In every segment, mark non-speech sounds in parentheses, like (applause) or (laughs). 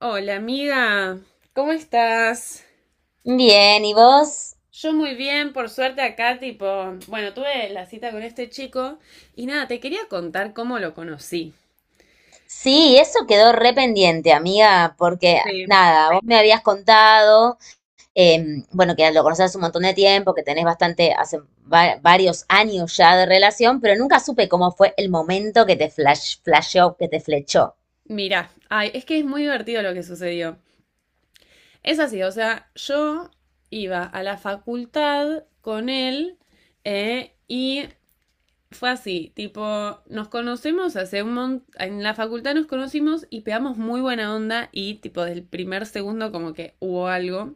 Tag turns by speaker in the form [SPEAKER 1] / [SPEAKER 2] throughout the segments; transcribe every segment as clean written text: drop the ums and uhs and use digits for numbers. [SPEAKER 1] Hola amiga, ¿cómo estás?
[SPEAKER 2] Bien, ¿y vos?
[SPEAKER 1] Yo muy bien, por suerte acá, tipo, bueno, tuve la cita con este chico y nada, te quería contar cómo lo conocí.
[SPEAKER 2] Sí, eso quedó re pendiente, amiga, porque
[SPEAKER 1] Sí.
[SPEAKER 2] nada, vos me habías contado, bueno, que lo conocés hace un montón de tiempo, que tenés bastante, hace varios años ya de relación, pero nunca supe cómo fue el momento que te flasheó, que te flechó.
[SPEAKER 1] Mira, ay, es que es muy divertido lo que sucedió. Es así, o sea, yo iba a la facultad con él, y fue así, tipo, nos conocemos hace un montón, en la facultad nos conocimos y pegamos muy buena onda y tipo del primer segundo como que hubo algo.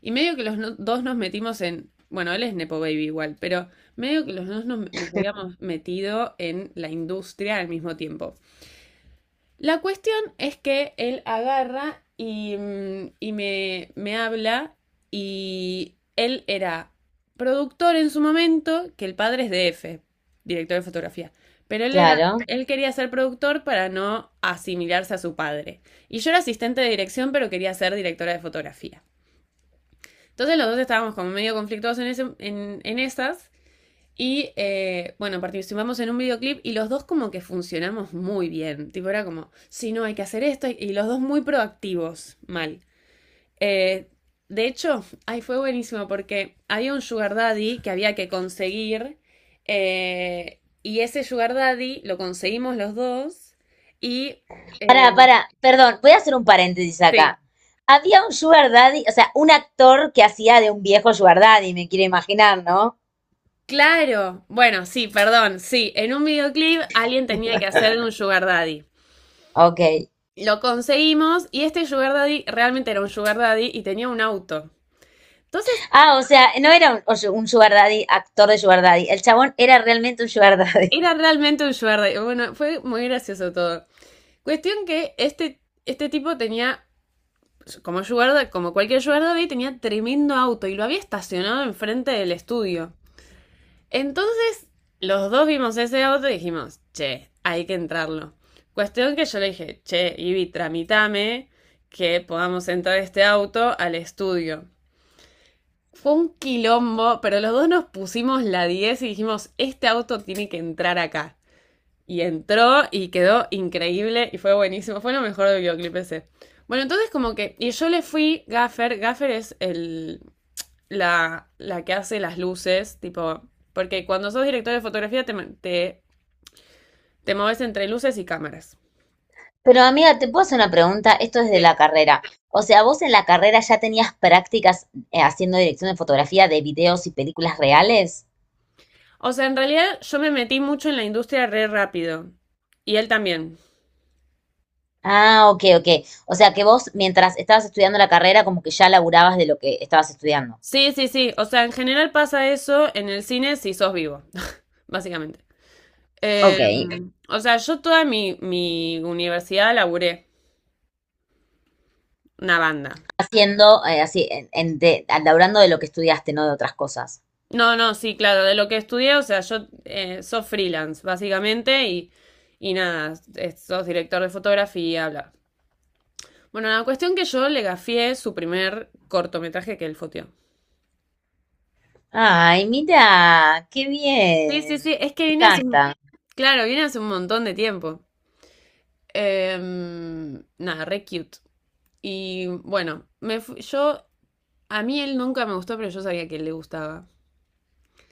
[SPEAKER 1] Y medio que los dos nos metimos en, bueno, él es Nepo Baby igual, pero medio que los dos nos habíamos metido en la industria al mismo tiempo. La cuestión es que él agarra y, y me habla, y él era productor en su momento, que el padre es DF, director de fotografía. Pero
[SPEAKER 2] Claro.
[SPEAKER 1] él quería ser productor para no asimilarse a su padre. Y yo era asistente de dirección, pero quería ser directora de fotografía. Entonces los dos estábamos como medio conflictuados en esas. Y bueno, participamos en un videoclip y los dos como que funcionamos muy bien. Tipo, era como, sí, no, hay que hacer esto. Y los dos muy proactivos, mal. Eh, de hecho, ahí fue buenísimo porque había un sugar daddy que había que conseguir. Y ese sugar daddy lo conseguimos los dos. Y
[SPEAKER 2] Para,
[SPEAKER 1] eh,
[SPEAKER 2] para, perdón, voy a hacer un paréntesis
[SPEAKER 1] sí,
[SPEAKER 2] acá. Había un sugar daddy, o sea, un actor que hacía de un viejo sugar daddy, me quiero imaginar, ¿no?
[SPEAKER 1] claro, bueno, sí, perdón, sí, en un videoclip alguien tenía que hacer de un sugar daddy.
[SPEAKER 2] Ok.
[SPEAKER 1] Lo conseguimos y este sugar daddy realmente era un sugar daddy y tenía un auto. Entonces,
[SPEAKER 2] Ah, o sea, no era un, o sea, un sugar daddy, actor de sugar daddy. El chabón era realmente un sugar (laughs) daddy.
[SPEAKER 1] era realmente un sugar daddy. Bueno, fue muy gracioso todo. Cuestión que este tipo tenía, como sugar daddy, como cualquier sugar daddy, tenía tremendo auto y lo había estacionado enfrente del estudio. Entonces, los dos vimos ese auto y dijimos, che, hay que entrarlo. Cuestión que yo le dije, che, Ivy, tramitame que podamos entrar este auto al estudio. Fue un quilombo, pero los dos nos pusimos la 10 y dijimos, este auto tiene que entrar acá. Y entró y quedó increíble y fue buenísimo. Fue lo mejor del videoclip ese. Bueno, entonces como que... Y yo le fui Gaffer. Gaffer es el... La que hace las luces, tipo... Porque cuando sos director de fotografía te, te moves entre luces y cámaras.
[SPEAKER 2] Pero amiga, te puedo hacer una pregunta. Esto es de
[SPEAKER 1] Sí.
[SPEAKER 2] la carrera. O sea, vos en la carrera ya tenías prácticas haciendo dirección de fotografía de videos y películas reales.
[SPEAKER 1] O sea, en realidad yo me metí mucho en la industria re rápido. Y él también.
[SPEAKER 2] Ah, ok. O sea, que vos mientras estabas estudiando la carrera como que ya laburabas de lo que estabas estudiando.
[SPEAKER 1] Sí, sí, sí. O sea, en general pasa eso en el cine si sos vivo, (laughs) básicamente. Eh,
[SPEAKER 2] Ok,
[SPEAKER 1] o sea, yo toda mi universidad laburé una banda.
[SPEAKER 2] haciendo, así, laburando de lo que estudiaste, no de otras cosas.
[SPEAKER 1] No, no, sí, claro, de lo que estudié, o sea, yo sos freelance, básicamente, y nada, es- sos director de fotografía, bla. Bueno, la cuestión que yo le gafié su primer cortometraje que él foteó.
[SPEAKER 2] Ay, mira, qué
[SPEAKER 1] Sí, sí,
[SPEAKER 2] bien.
[SPEAKER 1] sí, es que
[SPEAKER 2] Me
[SPEAKER 1] vine hace un...
[SPEAKER 2] encanta.
[SPEAKER 1] Claro, vine hace un montón de tiempo. Nada, re cute. Y bueno, yo, a mí él nunca me gustó, pero yo sabía que él le gustaba.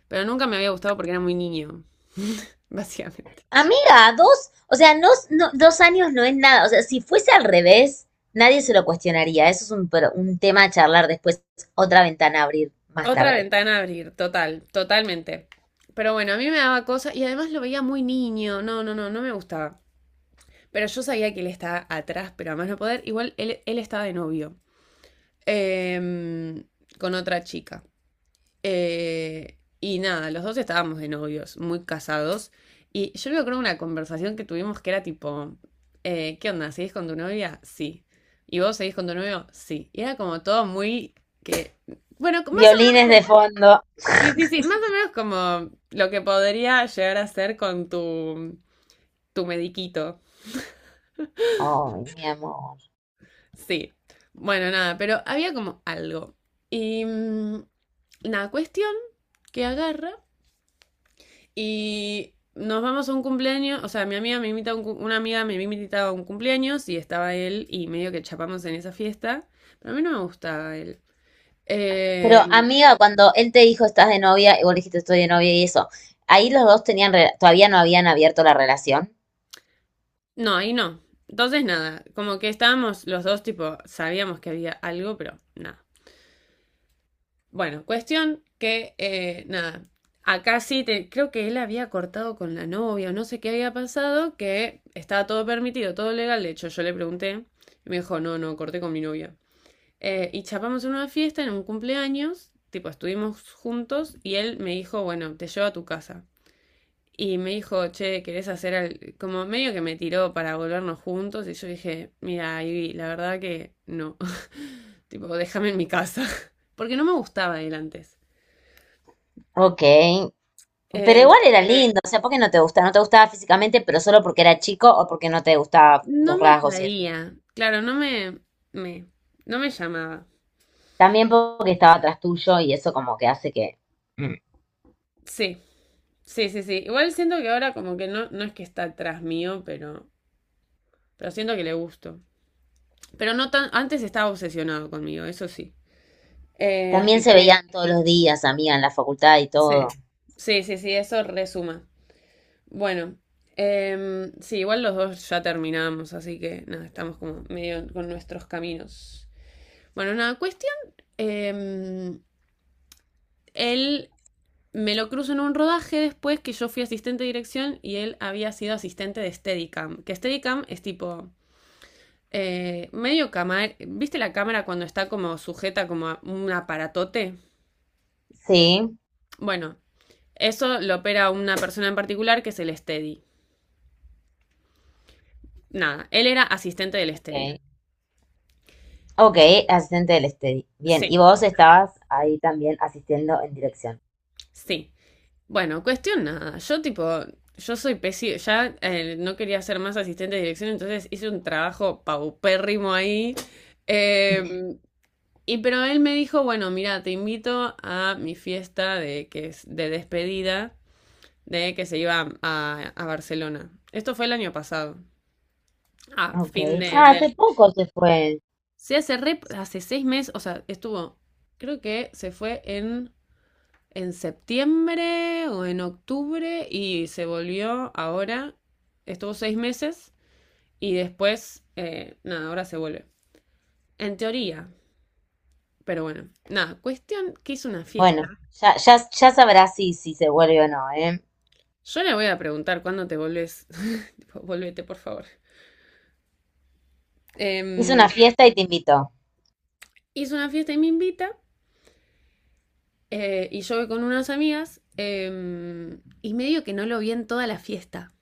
[SPEAKER 1] Pero nunca me había gustado porque era muy niño, (laughs) básicamente.
[SPEAKER 2] Amiga, dos, o sea, dos años no es nada. O sea, si fuese al revés, nadie se lo cuestionaría. Eso es un tema a charlar después, otra ventana a abrir más
[SPEAKER 1] Otra
[SPEAKER 2] tarde.
[SPEAKER 1] ventana a abrir, total, totalmente. Pero bueno, a mí me daba cosa y además lo veía muy niño. No, no, no, no me gustaba. Pero yo sabía que él estaba atrás, pero además no poder. Igual él estaba de novio eh, con otra chica. Y nada, los dos estábamos de novios, muy casados. Y yo me acuerdo una conversación que tuvimos que era tipo, ¿qué onda? ¿Seguís con tu novia? Sí. ¿Y vos seguís con tu novio? Sí. Y era como todo muy que, bueno, más o menos,
[SPEAKER 2] Violines de fondo.
[SPEAKER 1] sí, sí, sí, más o menos como lo que podría llegar a ser con tu, tu mediquito.
[SPEAKER 2] Ay, mi amor.
[SPEAKER 1] Sí. Bueno, nada, pero había como algo. Y mm, Nada, cuestión que agarra, y nos vamos a un cumpleaños, o sea, mi amiga me invita a un, una amiga me invitaba a un cumpleaños y estaba él y medio que chapamos en esa fiesta, pero a mí no me gustaba él.
[SPEAKER 2] Pero,
[SPEAKER 1] Eh,
[SPEAKER 2] amiga, cuando él te dijo estás de novia, y vos le dijiste estoy de novia y eso, ahí los dos todavía no habían abierto la relación.
[SPEAKER 1] no, ahí no. Entonces nada, como que estábamos los dos tipo, sabíamos que había algo, pero nada. Bueno, cuestión que nada, acá creo que él había cortado con la novia o no sé qué había pasado, que estaba todo permitido, todo legal, de hecho yo le pregunté y me dijo, no, no, corté con mi novia. Y chapamos en una fiesta, en un cumpleaños, tipo, estuvimos juntos y él me dijo, bueno, te llevo a tu casa. Y me dijo, che, ¿querés hacer al... como medio que me tiró para volvernos juntos? Y yo dije, mira, Ivy, la verdad que no. (laughs) Tipo, déjame en mi casa. (laughs) Porque no me gustaba él antes.
[SPEAKER 2] Ok. Pero
[SPEAKER 1] Eh,
[SPEAKER 2] igual era, sí, lindo, o sea, ¿por qué no te gustaba? No te gustaba físicamente, pero solo porque era chico o porque no te gustaban
[SPEAKER 1] no
[SPEAKER 2] los
[SPEAKER 1] me
[SPEAKER 2] rasgos y eso.
[SPEAKER 1] atraía. Claro, me, no me llamaba.
[SPEAKER 2] También porque estaba atrás tuyo y eso como que hace que... Mm.
[SPEAKER 1] Sí, sí, sí, sí. Igual siento que ahora como que no, no es que está atrás mío, pero siento que le gusto. Pero no tan, antes estaba obsesionado conmigo, eso sí. Eh,
[SPEAKER 2] También
[SPEAKER 1] y-
[SPEAKER 2] se veían todos los días, amiga, en la facultad y
[SPEAKER 1] sí,
[SPEAKER 2] todo.
[SPEAKER 1] sí, sí, sí, eso resuma. Bueno, sí, igual los dos ya terminamos, así que nada, estamos como medio con nuestros caminos. Bueno, nada, cuestión, em, él me lo cruzo en un rodaje después que yo fui asistente de dirección y él había sido asistente de Steadicam, que Steadicam es tipo... medio cámara, ¿viste la cámara cuando está como sujeta como a un aparatote?
[SPEAKER 2] Sí,
[SPEAKER 1] Bueno, eso lo opera una persona en particular que es el Steady. Nada, él era asistente del
[SPEAKER 2] ok.
[SPEAKER 1] Steady.
[SPEAKER 2] Ok, asistente del steady. Bien, y
[SPEAKER 1] Sí,
[SPEAKER 2] vos estabas ahí también asistiendo en dirección.
[SPEAKER 1] sí. Bueno, cuestión nada. Yo tipo, yo soy pésimo, ya no quería ser más asistente de dirección, entonces hice un trabajo paupérrimo ahí. Eh, pero él me dijo, bueno, mira, te invito a mi fiesta de, que es de despedida de que se iba a Barcelona. Esto fue el año pasado. Ah,
[SPEAKER 2] Ok.
[SPEAKER 1] fin de,
[SPEAKER 2] Ah,
[SPEAKER 1] del
[SPEAKER 2] hace poco se fue.
[SPEAKER 1] Sí, hace, hace 6 meses, o sea, estuvo, creo que se fue en, septiembre o en octubre y se volvió ahora, estuvo 6 meses y después, nada, ahora se vuelve. En teoría, pero bueno, nada, cuestión que hizo una fiesta.
[SPEAKER 2] Bueno, ya sabrás si se vuelve o no, ¿eh?
[SPEAKER 1] Yo le voy a preguntar cuándo te volvés, (laughs) tipo, volvete por favor.
[SPEAKER 2] Hizo
[SPEAKER 1] Em,
[SPEAKER 2] una fiesta y te invitó.
[SPEAKER 1] Hizo una fiesta y me invita. Y yo voy con unas amigas y medio que no lo vi en toda la fiesta.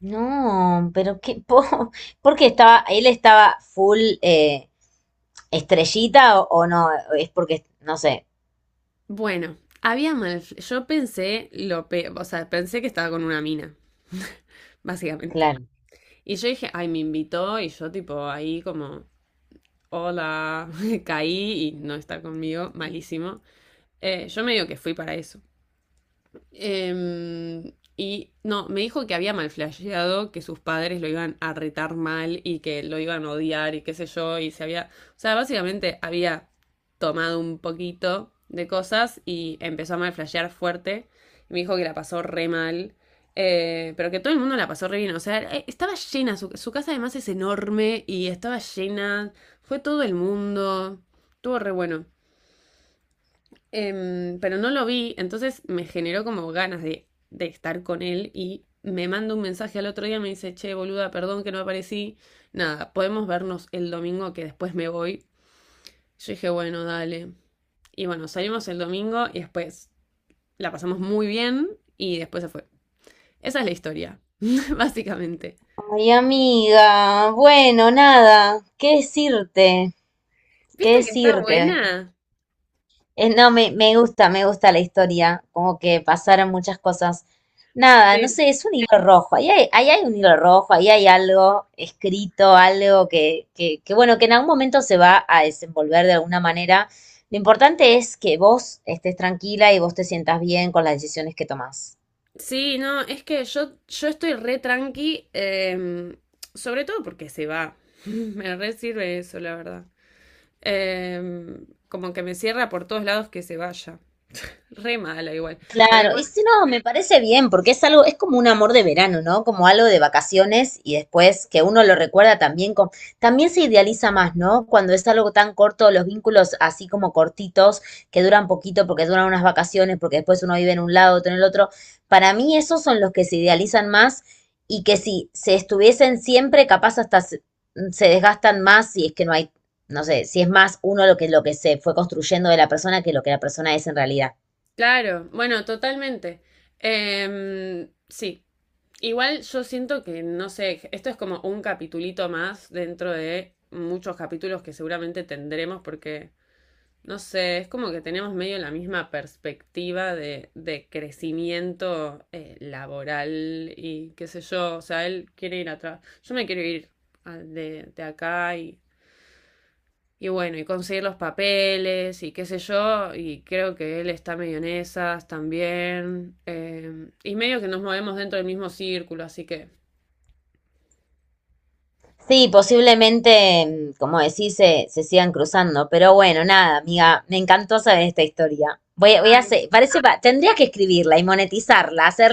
[SPEAKER 2] No, pero qué po (laughs) ¿por qué estaba, él estaba full estrellita o no, es porque, no sé,
[SPEAKER 1] Bueno, había mal. Yo pensé lo pe- o sea, pensé que estaba con una mina, básicamente.
[SPEAKER 2] claro.
[SPEAKER 1] Y yo dije, ay, me invitó, y yo tipo ahí como, hola, (laughs) caí y no está conmigo, malísimo. Yo medio que fui para eso. Y no, me dijo que había malflasheado, que sus padres lo iban a retar mal y que lo iban a odiar y qué sé yo, y se había, o sea, básicamente había tomado un poquito de cosas y empezó a malflashear fuerte. Y me dijo que la pasó re mal, pero que todo el mundo la pasó re bien, o sea, estaba llena, su casa además es enorme y estaba llena, fue todo el mundo, estuvo re bueno. Pero no lo vi, entonces me generó como ganas de estar con él y me manda un mensaje al otro día, me dice, che, boluda, perdón que no aparecí, nada, podemos vernos el domingo que después me voy. Yo dije, bueno, dale. Y bueno, salimos el domingo y después la pasamos muy bien y después se fue. Esa es la historia, (laughs) básicamente.
[SPEAKER 2] Ay, amiga, bueno, nada, qué
[SPEAKER 1] ¿Viste que está
[SPEAKER 2] decirte.
[SPEAKER 1] buena?
[SPEAKER 2] No, me gusta la historia, como que pasaron muchas cosas. Nada, no sé, es un hilo rojo, ahí hay un hilo rojo, ahí hay algo escrito, que, bueno, que en algún momento se va a desenvolver de alguna manera. Lo importante es que vos estés tranquila y vos te sientas bien con las decisiones que tomás.
[SPEAKER 1] Sí, no, es que yo estoy re tranqui, sobre todo porque se va. (laughs) Me re sirve eso, la verdad. Como que me cierra por todos lados que se vaya. (laughs) Re mala igual. Pero
[SPEAKER 2] Claro, y
[SPEAKER 1] igual,
[SPEAKER 2] si no, me parece bien, porque es algo, es como un amor de verano, ¿no? Como algo de vacaciones y después que uno lo recuerda también con, también se idealiza más, ¿no? Cuando es algo tan corto, los vínculos así como cortitos, que duran poquito porque duran unas vacaciones, porque después uno vive en un lado, otro en el otro. Para mí esos son los que se idealizan más y que si se estuviesen siempre, capaz se desgastan más si es que no hay, no sé, si es más uno lo que se fue construyendo de la persona que lo que la persona es en realidad.
[SPEAKER 1] claro, bueno, totalmente. Sí. Igual yo siento que, no sé, esto es como un capitulito más dentro de muchos capítulos que seguramente tendremos porque... No sé, es como que tenemos medio la misma perspectiva de crecimiento laboral y qué sé yo. O sea, él quiere ir atrás. Yo me quiero ir de acá y bueno, y conseguir los papeles y qué sé yo. Y creo que él está medio en esas también. Y medio que nos movemos dentro del mismo círculo, así que.
[SPEAKER 2] Sí, posiblemente, mm, como decís, se sigan cruzando. Pero bueno, nada, amiga, me encantó saber esta historia. Voy a
[SPEAKER 1] Ay.
[SPEAKER 2] hacer, parece, tendría que escribirla y monetizarla, hacer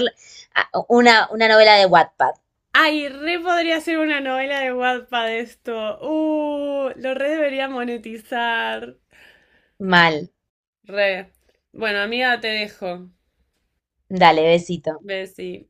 [SPEAKER 2] una novela de Wattpad.
[SPEAKER 1] Ay, re podría ser una novela de Wattpad esto. Lo re debería monetizar.
[SPEAKER 2] Mal.
[SPEAKER 1] Re. Bueno, amiga, te dejo.
[SPEAKER 2] Dale, besito.
[SPEAKER 1] Bessie.